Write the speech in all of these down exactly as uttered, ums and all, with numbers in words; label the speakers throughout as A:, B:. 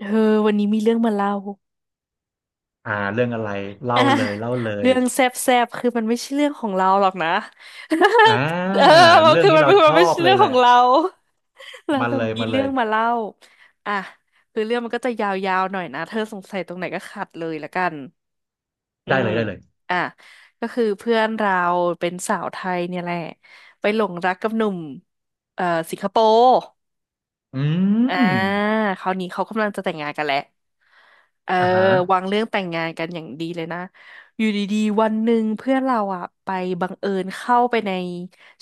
A: เธอวันนี้มีเรื่องมาเล่า
B: อ่าเรื่องอะไร เล่า
A: อ่ะ
B: เลยเล่าเลย
A: เรื่องแซบแซบคือมันไม่ใช่เรื่องของเราหรอกนะ
B: อ่า
A: เออมัน
B: เรื่อง
A: คือ
B: นี้
A: มัน
B: เรา
A: คือ
B: ช
A: มัน
B: อ
A: ไม่
B: บ
A: ใช่
B: เล
A: เรื่อ
B: ย
A: ง
B: แห
A: ข
B: ละ
A: องเรา เรา
B: มา
A: แต่
B: เลย
A: มี
B: มาเล
A: เรื่อ
B: ย
A: งมาเล่าอ่ะคือเรื่องมันก็จะยาวๆหน่อยนะเธอสงสัยตรงไหนก็ขัดเลยละกันอื
B: ได้
A: ม
B: เลยได้เลย
A: อ่ะก็คือเพื่อนเราเป็นสาวไทยเนี่ยแหละไปหลงรักกับหนุ่มเอ่อสิงคโปร์
B: อื
A: อ่า
B: ม
A: คราวนี้เขากำลังจะแต่งงานกันแล้ว เออ
B: อ่าฮะ
A: วางเรื่องแต่งงานกันอย่างดีเลยนะอยู่ดีๆวันหนึ่งเพื่อนเราอะไปบังเอิญเข้าไปใน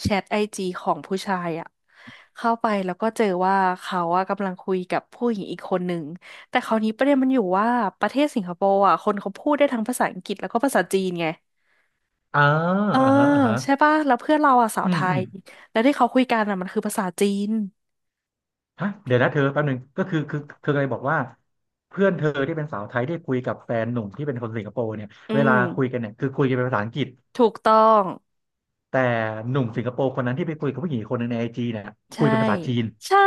A: แชทไอจีของผู้ชายอะเข้าไปแล้วก็เจอว่าเขาอะกำลังคุยกับผู้หญิงอีกคนหนึ่งแต่คราวนี้ประเด็นมันอยู่ว่าประเทศสิงคโปร์อะคนเขาพูดได้ทั้งภาษาอังกฤษแล้วก็ภาษาจีนไง
B: อ่า
A: เออ
B: อ่าฮะอ่าฮะ
A: ใช่ป่ะแล้วเพื่อนเราอะสาว
B: อื
A: ไท
B: มอืม
A: ยแล้วที่เขาคุยกันอะมันคือภาษาจีน
B: ฮะเดี๋ยวนะเธอแป๊บหนึงก็คือคือเธอเคยบอกว่าเพื่อนเธอที่เป็นสาวไทยที่คุยกับแฟนหนุ่มที่เป็นคนสิงคโปร์เนี่ย
A: อื
B: เวลา
A: ม
B: คุยกันเนี่ยคือคุยกันเป็นภาษาอังกฤษ
A: ถูกต้อง
B: แต่หนุ่มสิงคโปร์คนนั้นที่ไปคุยกับผู้หญิงอีกคนหนึงในไอจีเนี่ยคุ
A: ใช่
B: ยเป็นภาษาจีน
A: ใช่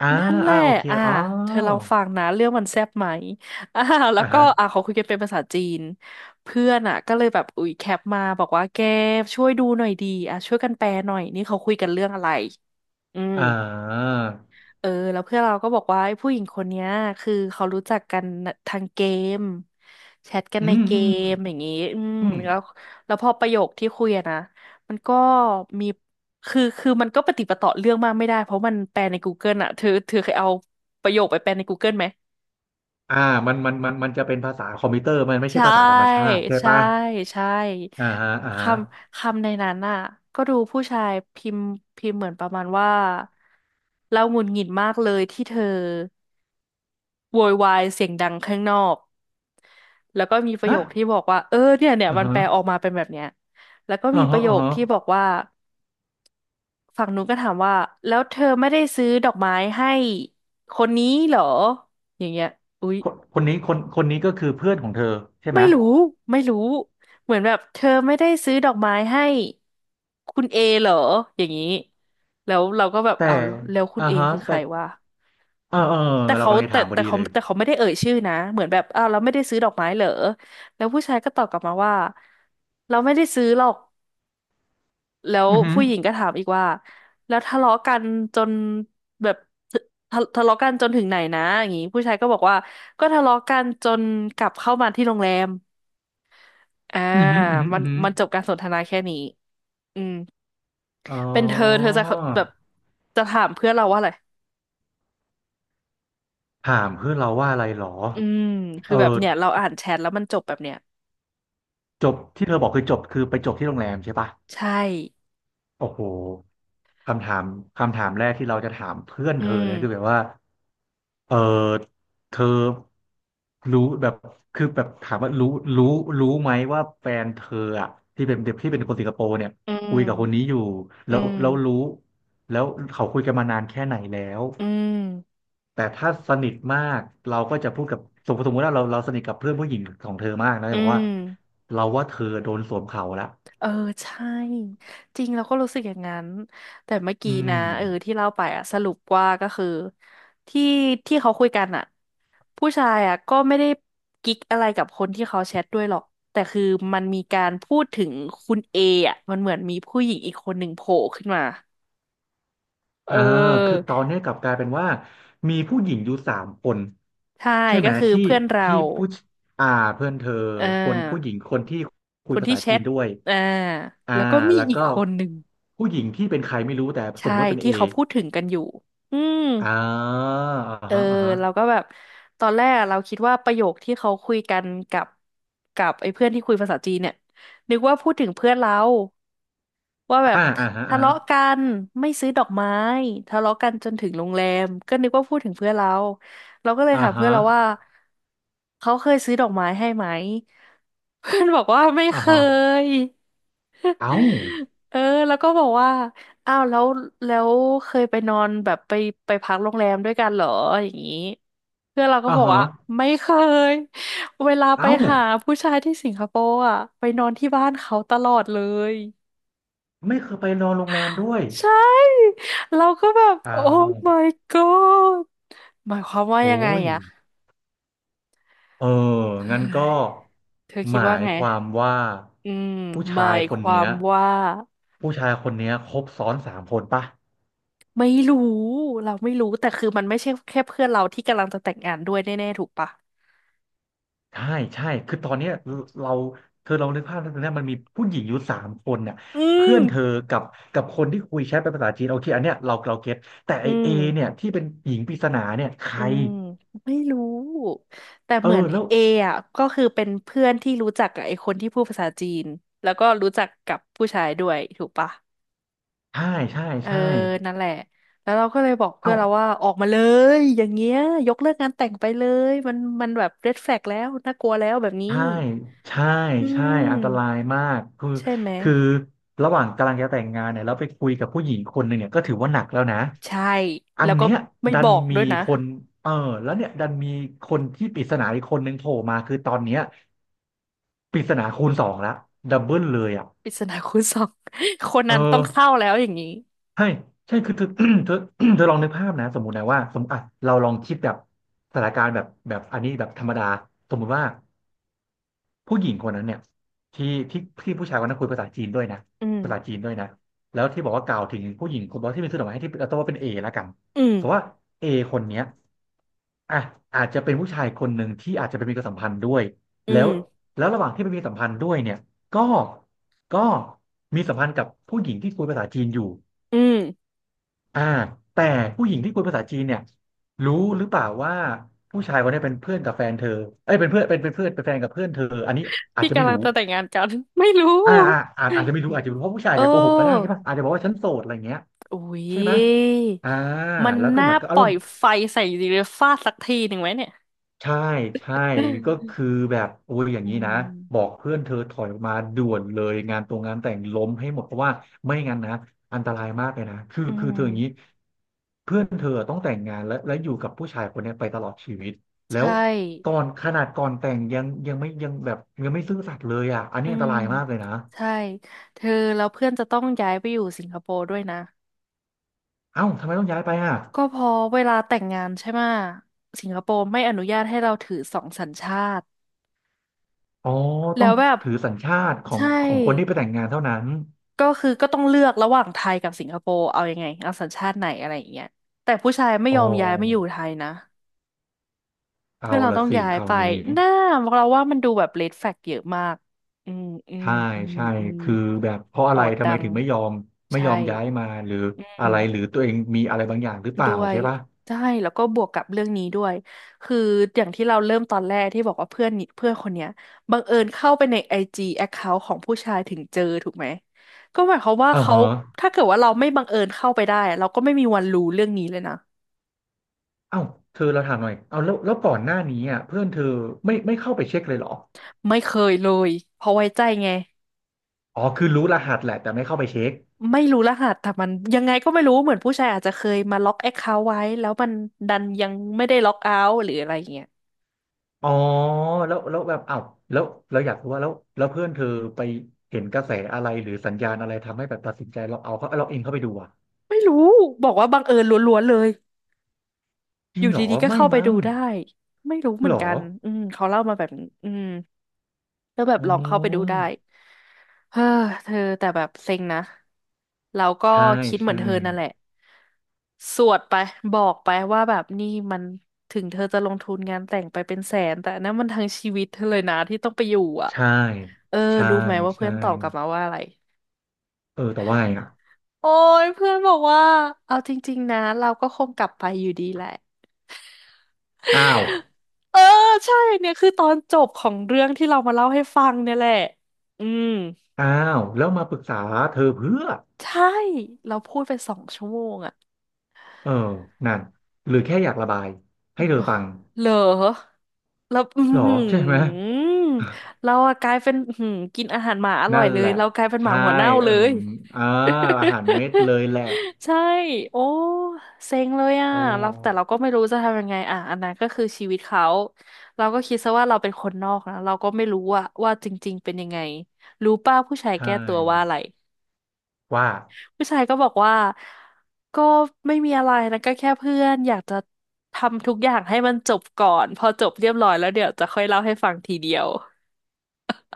B: อ่า
A: นั่นแห
B: อ่า
A: ละ
B: โอเค
A: อ่า
B: อ๋อ
A: เธอลองฟังนะ เรื่องมันแซ่บไหม อ่าแล้ว
B: อ่า
A: ก็
B: ฮะ
A: อ่าเขาคุยกันเป็นภาษาจีน เพื่อนอ่ะ ก็เลยแบบ อุ๊ย แคปมาบอกว่า แกช่วยดูหน่อยดี อ่ะ ช่วยกันแปลหน่อย นี่เขาคุยกันเรื่องอะไร อืม
B: อ่า
A: เออแล้วเพื่อนเราก็บอกว่าไอ้ผู้หญิงคนเนี้ยคือเขารู้จักกันทางเกมแชทกัน
B: อื
A: ใน
B: ม
A: เก
B: อืม
A: มอย่างงี้อืม
B: อืม
A: แล้วแล้วพอประโยคที่คุยอะนะมันก็มีคือคือมันก็ปะติดปะต่อเรื่องมากไม่ได้เพราะมันแปลใน Google อะเธอเธอเคยเอาประโยคไปแปลใน Google ไหม
B: อ่ามันมันมันมันจะเป็นภาษาคอมพิวเตอร์มันไม่ใช่
A: ใช่
B: ภาษาธรรมชาติใช่
A: ใช่
B: ปะ
A: ใช่
B: อ่าฮะอ่า
A: ค
B: ฮะ
A: ำคำในนั้นน่ะก็ดูผู้ชายพิมพ์พิมพ์เหมือนประมาณว่าเราหงุดหงิดมากเลยที่เธอ โวยวายเสียงดังข้างนอกแล้วก็มีประโยคที่
B: ฮะ
A: บอกว่าเออเนี่ยเนี่ย
B: อ่า
A: มัน
B: ฮะ
A: แปลออกมาเป็นแบบเนี้ยแล้วก็
B: อ่า
A: มีป
B: ฮะ
A: ระโย
B: อ่า
A: ค
B: ฮะ
A: ที่บอกว่าฝั่งนู้นก็ถามว่าแล้วเธอไม่ได้ซื้อดอกไม้ให้คนนี้เหรออย่างเงี้ยอุ๊ย
B: คนคนนี้คนคนนี้ก็คือเพื่อนของเธอใช่ไหม
A: ไม่รู้ไม่รู้เหมือนแบบเธอไม่ได้ซื้อดอกไม้ให้คุณเอเหรออย่างนี้แล้วเราก็แบบ
B: แต่
A: อ้าวแล้วแล้วคุณ
B: อ่า
A: เอ
B: ฮะ
A: คือใค
B: แต่
A: รวะ
B: เออเออ
A: แต่
B: เรา
A: เขา
B: กำลังจะ
A: แต่
B: ถามพอ
A: แต่
B: ดี
A: เขา
B: เลย
A: แต่เขาไม่ได้เอ่ยชื่อนะเหมือนแบบอ้าวเราไม่ได้ซื้อดอกไม้เหรอแล้วผู้ชายก็ตอบกลับมาว่าเราไม่ได้ซื้อหรอกแล้ว
B: อือหือ
A: ผู้หญิงก็ถามอีกว่าแล้วทะเลาะกันจนแบบทะทะเลาะกันจนถึงไหนนะอย่างงี้ผู้ชายก็บอกว่าก็ทะเลาะกันจนกลับเข้ามาที่โรงแรมอ่า
B: อือหืออือหือ
A: มั
B: อื
A: น
B: อหือ
A: มันจบการสนทนาแค่นี้อืม
B: อ๋อ
A: เป็นเธอเธอจะแบบจะถามเพื่อนเราว่าอะไร
B: ถามเพื่อนเราว่าอะไรหรอ
A: อืม
B: เอ
A: คือ
B: อ
A: แบบเนี่ยเราอ่านแชทแล้วมันจบแบบเนี้ย
B: จบที่เธอบอกคือจบ คือไปจบที่โรงแรมใช่ปะ
A: ใช่
B: โอ้โหคำถามคำถามแรกที่เราจะถามเพื่อน
A: อื
B: เธอ
A: ม
B: เลยนะคือแบบว่าเออเธอรู้แบบคือแบบถามว่ารู้รู้รู้ไหมว่าแฟนเธออะที่เป็นเด็กที่เป็นคนสิงคโปร์เนี่ย
A: อื
B: คุ
A: ม
B: ยกับคนนี้อยู่
A: อื
B: แล้ว
A: ม
B: แล้วรู้แล้วเขาคุยกันมานานแค่ไหนแล้ว
A: อืม
B: แต่ถ้าสนิทมากเราก็จะพูดกับสมมติสมมติว่าเราเราสนิทกับเพื่อนผู้หญิงของเธอมากนะ
A: อื
B: จะบอกว่า
A: ม
B: เราว่าเธอโดนสวมเขาละ
A: เออ ใช่ จริงเราก็รู้สึกอย่างนั้น แต่เมื่อ
B: อื
A: กี้นะ
B: ม
A: เออที่เล่าไปอะสรุปว่าก็คือที่ที่เขาคุยกันอะผู้ชายอะก็ไม่ได้กิ๊กอะไรกับคนที่เขาแชทด้วยหรอกแต่คือมันมีการพูดถึงคุณเออะมันเหมือนมีผู้หญิงอีกคนหนึ่งโผล่ขึ้นมาเอ
B: อ่าคื
A: อ
B: อตอนนี้กลับกลายเป็นว่ามีผู้หญิงอยู่สามคน
A: ใช่
B: ใช่ไหม
A: ก็คือ
B: ที่
A: เพื่อนเรา
B: ที่ผู้ชอ่าเพื่อนเธอ
A: เอ
B: คนผู้ห
A: อ
B: ญิงคนที่คุ
A: ค
B: ย
A: น
B: ภา
A: ที่
B: ษา
A: แช
B: จีน
A: ท
B: ด้วย
A: อ่า
B: อ่า
A: แล้วก็มี
B: แล้ว
A: อีก
B: ก็
A: คนหนึ่ง
B: ผู้หญิงที่เป็นใครไม่รู้แต่ส
A: ใช่
B: มมติเป็นเอ
A: ที่เขาพูดถึงกันอยู่อืม
B: อ่าอ่า
A: เออ
B: ฮะอ่าฮะ
A: เราก็แบบตอนแรกอะเราคิดว่าประโยคที่เขาคุยกันกับกับไอ้เพื่อนที่คุยภาษาจีนเนี่ยนึกว่าพูดถึงเพื่อนเราว่าแบบ
B: อ่าอ่าฮะ
A: ทะ
B: อ่าฮะ
A: เลาะกันไม่ซื้อดอกไม้ทะเลาะกันจนถึงโรงแรมก็นึกว่าพูดถึงเพื่อนเราเราก็เลย
B: อ่า
A: ถามเพื่อน
B: ฮะ
A: เราว่าเขาเคยซื้อดอกไม้ให้ไหม เพื่อนบอกว่าไม่
B: อ่า
A: เค
B: ฮะ
A: ย
B: เอ้า
A: เออแล้วก็บอกว่าอ้าวแล้วแล้วเคยไปนอนแบบไปไปพักโรงแรมด้วยกันเหรออย่างนี้เพื่อนเราก็
B: อ่า
A: บอก
B: ฮะ
A: ว่าไม่เคย เวลาไป
B: เอ้า
A: หาผู้ชายที่สิงคโปร์อ่ะไปนอนที่บ้านเขาตลอดเลย
B: ไม่เคยไปนอนโรงแรมด้วย
A: ใช่เราก็แบบ
B: เอ้า
A: โอ้
B: ว
A: my god หมายความว่า
B: โอ้
A: ยังไง
B: ย
A: อ่ะ
B: เออ
A: เฮ้
B: งั้นก็
A: ยเธอ
B: ห
A: คิด
B: มา
A: ว่า
B: ย
A: ไง
B: ความว่า
A: อืม
B: ผู้
A: ห
B: ชา
A: มา
B: ย
A: ย
B: ค
A: ค
B: น
A: วา
B: เนี้ย
A: มว่า
B: ผู้ชายคนเนี้ยครบซ้อนสามคนปะ
A: ไม่รู้เราไม่รู้แต่คือมันไม่ใช่แค่เพื่อนเราที่กำลังจะแต่งงานด้วยแน่ๆถูกปะ
B: ใช่ใช่คือตอนเนี้ยเราเธอลองนึกภาพแล้วตอนเนี้ยมันมีผู้หญิงอยู่สามคนเนี่ย
A: อื
B: เพื่
A: ม
B: อนเธอกับกับคนที่คุยแชทเป็นภาษาจีนโอเคอันเนี้ยเราเราเก็ตแต่ไอ
A: อื
B: เอ
A: ม
B: เนี่ยที่เป็นหญิงปริศนาเนี่ยใคร
A: อืมไม่รู้แต่
B: เออ
A: เหมือน
B: แล้ว
A: เออ่ะก็คือเป็นเพื่อนที่รู้จักกับไอ้คนที่พูดภาษาจีนแล้วก็รู้จักกับผู้ชายด้วยถูกปะ
B: ใช่ใช่
A: เออ
B: ใช่
A: นั่นแหละแล้วเราก็เลยบอกเพื่อ
B: เอ้า
A: นเราว่าออกมาเลยอย่างเงี้ยยกเลิกงานแต่งไปเลยมันมันแบบเรดแฟลกแล้วน่ากลัวแล้วแบบนี้
B: ใช่ใช่
A: อื
B: ใช่
A: ม
B: อันตรายมาก คือ
A: ใช่ไหม
B: คือระหว่างกำลังจะแต่งงานเนี่ยแล้วไปคุยกับผู้หญิงคนหนึ่งเนี่ยก็ถือว่าหนักแล้วนะ
A: ใช่
B: อั
A: แล้
B: น
A: วก็
B: เนี้ย
A: ไม่
B: ดั
A: บ
B: น
A: อก
B: มี
A: ด้วยนะ
B: คนเออแล้วเนี่ยดันมีคนที่ปริศนาอีกคนหนึ่งโผล่มาคือตอนเนี้ยปริศนาคูณสองละดับเบิลเลยอ่ะ
A: ปริศนาคูณสอง คน
B: เออ
A: นั้นต้องเข้าแล้วอย่างนี้
B: ใช่ใช่ คือเธอ เธอ เธอลองนึกภาพนะ สมมุตินะว่าสมมติอ่ะเราลองคิดแบบสถานการณ์แบบแบบอันนี้แบบธรรมดาสมมุติว่า ผู้หญิงคนนั้นเนี่ยที่ที่ที่ผู้ชายคนนั้นคุยภาษาจีนด้วยนะ
A: อื
B: ภา
A: ม
B: ษาจีนด้วยนะแล้วที่บอกว่ากล่าวถึงผู้หญิงคนบอกที่เป็นซื้อดอกไม้ให้ที่เราต้องว่าเป็นเอแล้วกัน
A: อืม
B: สมมติว่าเอคนเนี้ยอ่ะอาจจะเป็นผู้ชายคนหนึ่งที่อาจจะเป็นมีความสัมพันธ์ด้วย
A: อื
B: แล้ว
A: ม
B: แล้วระหว่างที่ไปมีสัมพันธ์ด้วยเนี่ยก็ก็มีสัมพันธ์กับผู้หญิงที่คุยภาษาจีนอยู่
A: อืม
B: อ่าแต่ผู้หญิงที่คุยภาษาจีนเนี่ยรู้หรือเปล่าว่าผู้ชายคนนี้เป็นเพื่อนกับแฟนเธอเอ้ยเป็นเพื่อนเป็นเป็นเพื่อนเป็นแฟนกับเพื่อนเธออันนี้อาจ
A: ที่
B: จะไม่
A: กำลัง
B: รู้
A: จะแต่งงานกัน ไม่รู้
B: อ่าอ่าอาจอาจจะไม่รู้อาจจะไม่รู้เพราะผู้ชาย
A: เ
B: อาจจะโกหกก็ได้ใช่
A: ออ
B: ปะอาจจะบอกว่าฉันโสดอะไรเงี้ย
A: อุ๊
B: ใช่ไหม
A: ย
B: อ่า
A: มัน
B: แล้วก็
A: น่า
B: เหมือนก็
A: ป
B: อาร
A: ล่อ
B: ม
A: ย
B: ณ์
A: ไฟใส่ดีเลยฟาดสักทีหนึ่งไหมเนี่ย
B: ใช่ใช่ก็ คือแบบโอ้ยอย่าง
A: อื
B: นี้นะบอ
A: ม
B: กเพื่อนเธอถอยออกมาด่วนเลยงานตรงงานแต่งล้มให้หมดเพราะว่าไม่งั้นนะอันตรายมากเลยนะคือ
A: อื
B: คือเธออย่างนี้
A: ม
B: เพื่อนเธอต้องแต่งงานและและอยู่กับผู้ชายคนเนี้ยไปตลอดชีวิตแล้ว
A: ใช่
B: ตอนขนาดก่อนแต่งยังยังไม่ยังแบบยังไม่ซื่อสัตย์เลยอ่ะอันนี้
A: อื
B: อันต
A: ม
B: รายมากเลยนะ
A: ใช่ เธอแล้วเพื่อนจะต้องย้ายไปอยู่สิงคโปร์ด้วยนะ
B: เอ้าทำไมต้องย้ายไปอ่ะ
A: ก็เพอเวลาแต่งงานใช่ไหมะสิงคโปร์ไม่อนุญาตให้เราถือสองสัญชาติ
B: อ๋อ
A: แล้
B: ต้อง
A: วแบบ
B: ถือสัญชาติของ
A: ใช่
B: ของคนที่ไปแต่งงานเท่านั้น
A: ก็คือก็ต้องเลือกระหว่างไทยกับสิงคโปร์เอายังไงเอาสัญชาติไหนอะไรอย่างเงี้ยแต่ผู้ชายไม่
B: อ๋อ
A: ยอมย้ายไม่อยู่ไทยนะ
B: เอา
A: เพื่อนเรา
B: ละ
A: ต้อง
B: สิ
A: ย้าย
B: ครา
A: ไป
B: วนี้
A: น่าเราว่ามันดูแบบเ อี ดแฟกเยอะมากอืม อืม
B: ใช่
A: อืม
B: ใช่
A: อืม
B: คือแบบเพราะ
A: อ
B: อะ
A: อ
B: ไร
A: ด
B: ทำ
A: ดั
B: ไม
A: ง
B: ถึงไม่ยอมไม่
A: ใช่
B: ยอมย้ายมาหรือ
A: อื
B: อะ
A: ม
B: ไรหรือตัวเองมีอะไรบางอย่างหรือเปล่า
A: ด้วย
B: ใช่ปะ
A: ใช่แล้วก็บวกกับเรื่องนี้ด้วยคืออย่างที่เราเริ่มตอนแรกที่บอกว่าเพื่อนนี่เพื่อนคนเนี้ยบังเอิญเข้าไปในไอจีแอคเคาท์ของผู้ชายถึงเจอถูกไหมก็หมายความว่า
B: อ่า
A: เขา
B: ฮะ
A: ถ้าเกิดว่าเราไม่บังเอิญเข้าไปได้เราก็ไม่มีวันรู้เรื่องนี้เลยนะ
B: เอ้าเธอเราถามหน่อยเอาแล้วแล้วก่อนหน้านี้อ่ะเพื่อนเธอไม่ไม่เข้าไปเช็คเลยเหรอ
A: ไม่เคยเลยเพราะไว้ใจไง
B: อ๋อคือรู้รหัสแหละแต่ไม่เข้าไปเช็ค
A: ไม่รู้รหัสแต่มันยังไงก็ไม่รู้เหมือนผู้ชายอาจจะเคยมาล็อกแอคเคาท์ไว้แล้วมันดันยังไม่ได้ล็อกเอาท์หรืออะไรอย่างเงี้ย
B: อ๋อแล้วแล้วแบบอ้าวแล้วเราอยากรู้ว่าแล้วแล้วเพื่อนเธอไปเห็นกระแสอะไรหรือสัญญาณอะไรทำให้แบบตัดสินใจเราเอาเขาเราเองเข้าไปดูอ่ะ
A: ไม่รู้บอกว่าบังเอิญล้วนๆเลย
B: จ
A: อ
B: ริง
A: ยู่
B: เหรอ
A: ดีๆก็
B: ไม่
A: เข้าไป
B: มั้
A: ดู
B: ง
A: ได้ไม่รู้เหมื
B: เห
A: อ
B: ร
A: น
B: อ
A: กันอืมเขาเล่ามาแบบนี้อืมก็แบบ
B: อ๋
A: ลองเข้าไปดู
B: อ
A: ได้เฮ้อเธอแต่แบบเซ็งนะเราก็
B: ใช่
A: คิดเหมือ
B: ใช่
A: นเธอนั่นแหละสวดไปบอกไปว่าแบบนี่มันถึงเธอจะลงทุนงานแต่งไปเป็นแสนแต่อันนั้นมันทั้งชีวิตเธอเลยนะที่ต้องไปอยู่อ่ะ
B: ใช่
A: เออ
B: ใช่
A: รู้ไหมว่าเพื่
B: ใช่
A: อนตอบกลับมาว่าอะไร
B: เออแต่ว่าไงอ่ะ
A: โอ้ยเพื่อนบอกว่าเอาจริงๆนะเราก็คงกลับไปอยู่ดีแหละ
B: อ้าว
A: เออใช่เนี่ยคือตอนจบของเรื่องที่เรามาเล่าให้ฟังเนี่ยแหละอืม
B: อ้าวแล้วมาปรึกษาเธอเพื่อ
A: ใช่เราพูดไปสองชั่วโมงอะ
B: เออนั่นหรือแค่อยากระบายให้เธอฟัง
A: เหรอแล้วอือ
B: เหรอ
A: หื
B: ใช่ไหม
A: อเรา อะกลายเป็นอื้อหือกินอาหารหมาอร่อ
B: นั่
A: ย
B: น
A: เล
B: แห
A: ย
B: ละ
A: เรากลายเป็นหมา
B: ใช่
A: หัวเน่า
B: เอ
A: เล
B: มอ
A: ย
B: ม อ่าอาหารเม็ดเลยแหละ
A: ใช่โอ้เซ็งเลยอ่ะ
B: โอ
A: เราแต่เรา
B: ้
A: ก็ไม่รู้จะทำยังไงอ่ะอันนั้นก็คือชีวิตเขาเราก็คิดซะว่าเราเป็นคนนอกนะเราก็ไม่รู้ว่าว่าจริงๆเป็นยังไงรู้ป้าผู้ชาย
B: ใช่
A: แก้ตัวว่าอะไร
B: ว่า
A: ผู้ชายก็บอกว่าก็ไม่มีอะไรนะก็แค่เพื่อนอยากจะทำทุกอย่างให้มันจบก่อนพอจบเรียบร้อยแล้วเดี๋ยวจะค่อยเล่าให้ฟังทีเดียว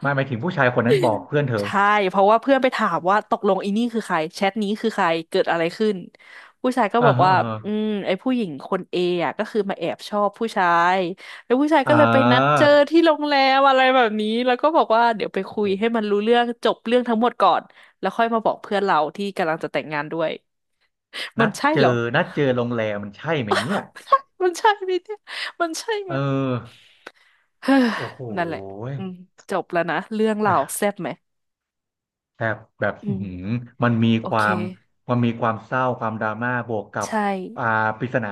B: ไม่หมายถึงผู้ชายคนนั้นบอกเพื่อนเธอ
A: ใช่เพราะว่าเพื่อนไปถามว่าตกลงอีนี่คือใครแชทนี้คือใครเกิดอะไรขึ้นผู้ชายก็บ
B: อ่า
A: อก
B: ฮะ
A: ว่า
B: อ่าฮะ
A: อืมไอ้ผู้หญิงคนเออะก็คือมาแอบชอบผู้ชายแล้วผู้ชายก็
B: อ่
A: เลยไปนัดเจ
B: า
A: อที่โรงแรมอะไรแบบนี้แล้วก็บอกว่าเดี๋ยวไป
B: โอ้
A: คุ
B: โห
A: ยให้มันรู้เรื่องจบเรื่องทั้งหมดก่อนแล้วค่อยมาบอกเพื่อนเราที่กำลังจะแต่งงานด้วยมั
B: นั
A: น
B: ด
A: ใช่
B: เจอ
A: เหรอ
B: นัดเจอโรงแรมมันใช่ไหมเนี่ย
A: มันใช่ไหมเนี่ยมันใช่ไหม
B: เออ
A: เฮ้ย
B: โอ้โห
A: นั่นแหละ
B: ย
A: อืมจบแล้วนะ เรื่องเรา
B: อ่ะ
A: แซ่บไหม
B: แบบแบบ
A: อื
B: อื้อ
A: ม
B: หือมันมี
A: โอ
B: ควา
A: เค
B: มมันมีความเศร้าความดราม่าบวกกับ
A: ใช่
B: อ่าปริศนา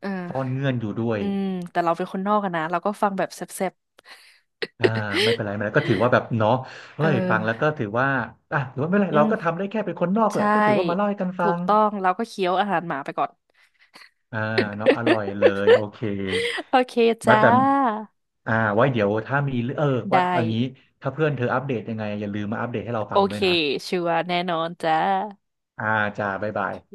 A: เอ
B: ซ่อน
A: อ
B: เงื่อนอยู่ด้วย
A: อืมแต่เราเป็นคนนอกอะนะ เราก็ฟังแบบแซ่บ
B: อ่าไม่เป็นไรไม่เป็นไรก็ถือว่าแบบเนาะ
A: ๆ เอ
B: เฮ้
A: อ
B: ยฟังแล้วก็ถือว่าอ่ะถือว่าไม่เป็นไร
A: อื
B: เราก็
A: ม
B: ทำได้แค่เป็นคนนอกแหละ
A: ใช่
B: ก็ถือว่ามาเล่าให้กันฟั
A: ถูก
B: ง
A: ต้อง เราก็เคี้ยวอาหารหมาไปก่อน
B: อ่าเนาะอร่อยเลยโอ เค
A: โอเค
B: มา
A: จ้า
B: แต่อ่าไว้เดี๋ยวถ้ามีเออว่า
A: ได้
B: เอางี้ถ้าเพื่อนเธออัปเดตยังไงอย่าลืมมาอัปเดตให้เรา
A: โอ
B: ฟังด้
A: เค
B: วยนะ
A: ชัวร์แน่นอนจ้า
B: อ่าจ้าบ๊ายบาย
A: โอเค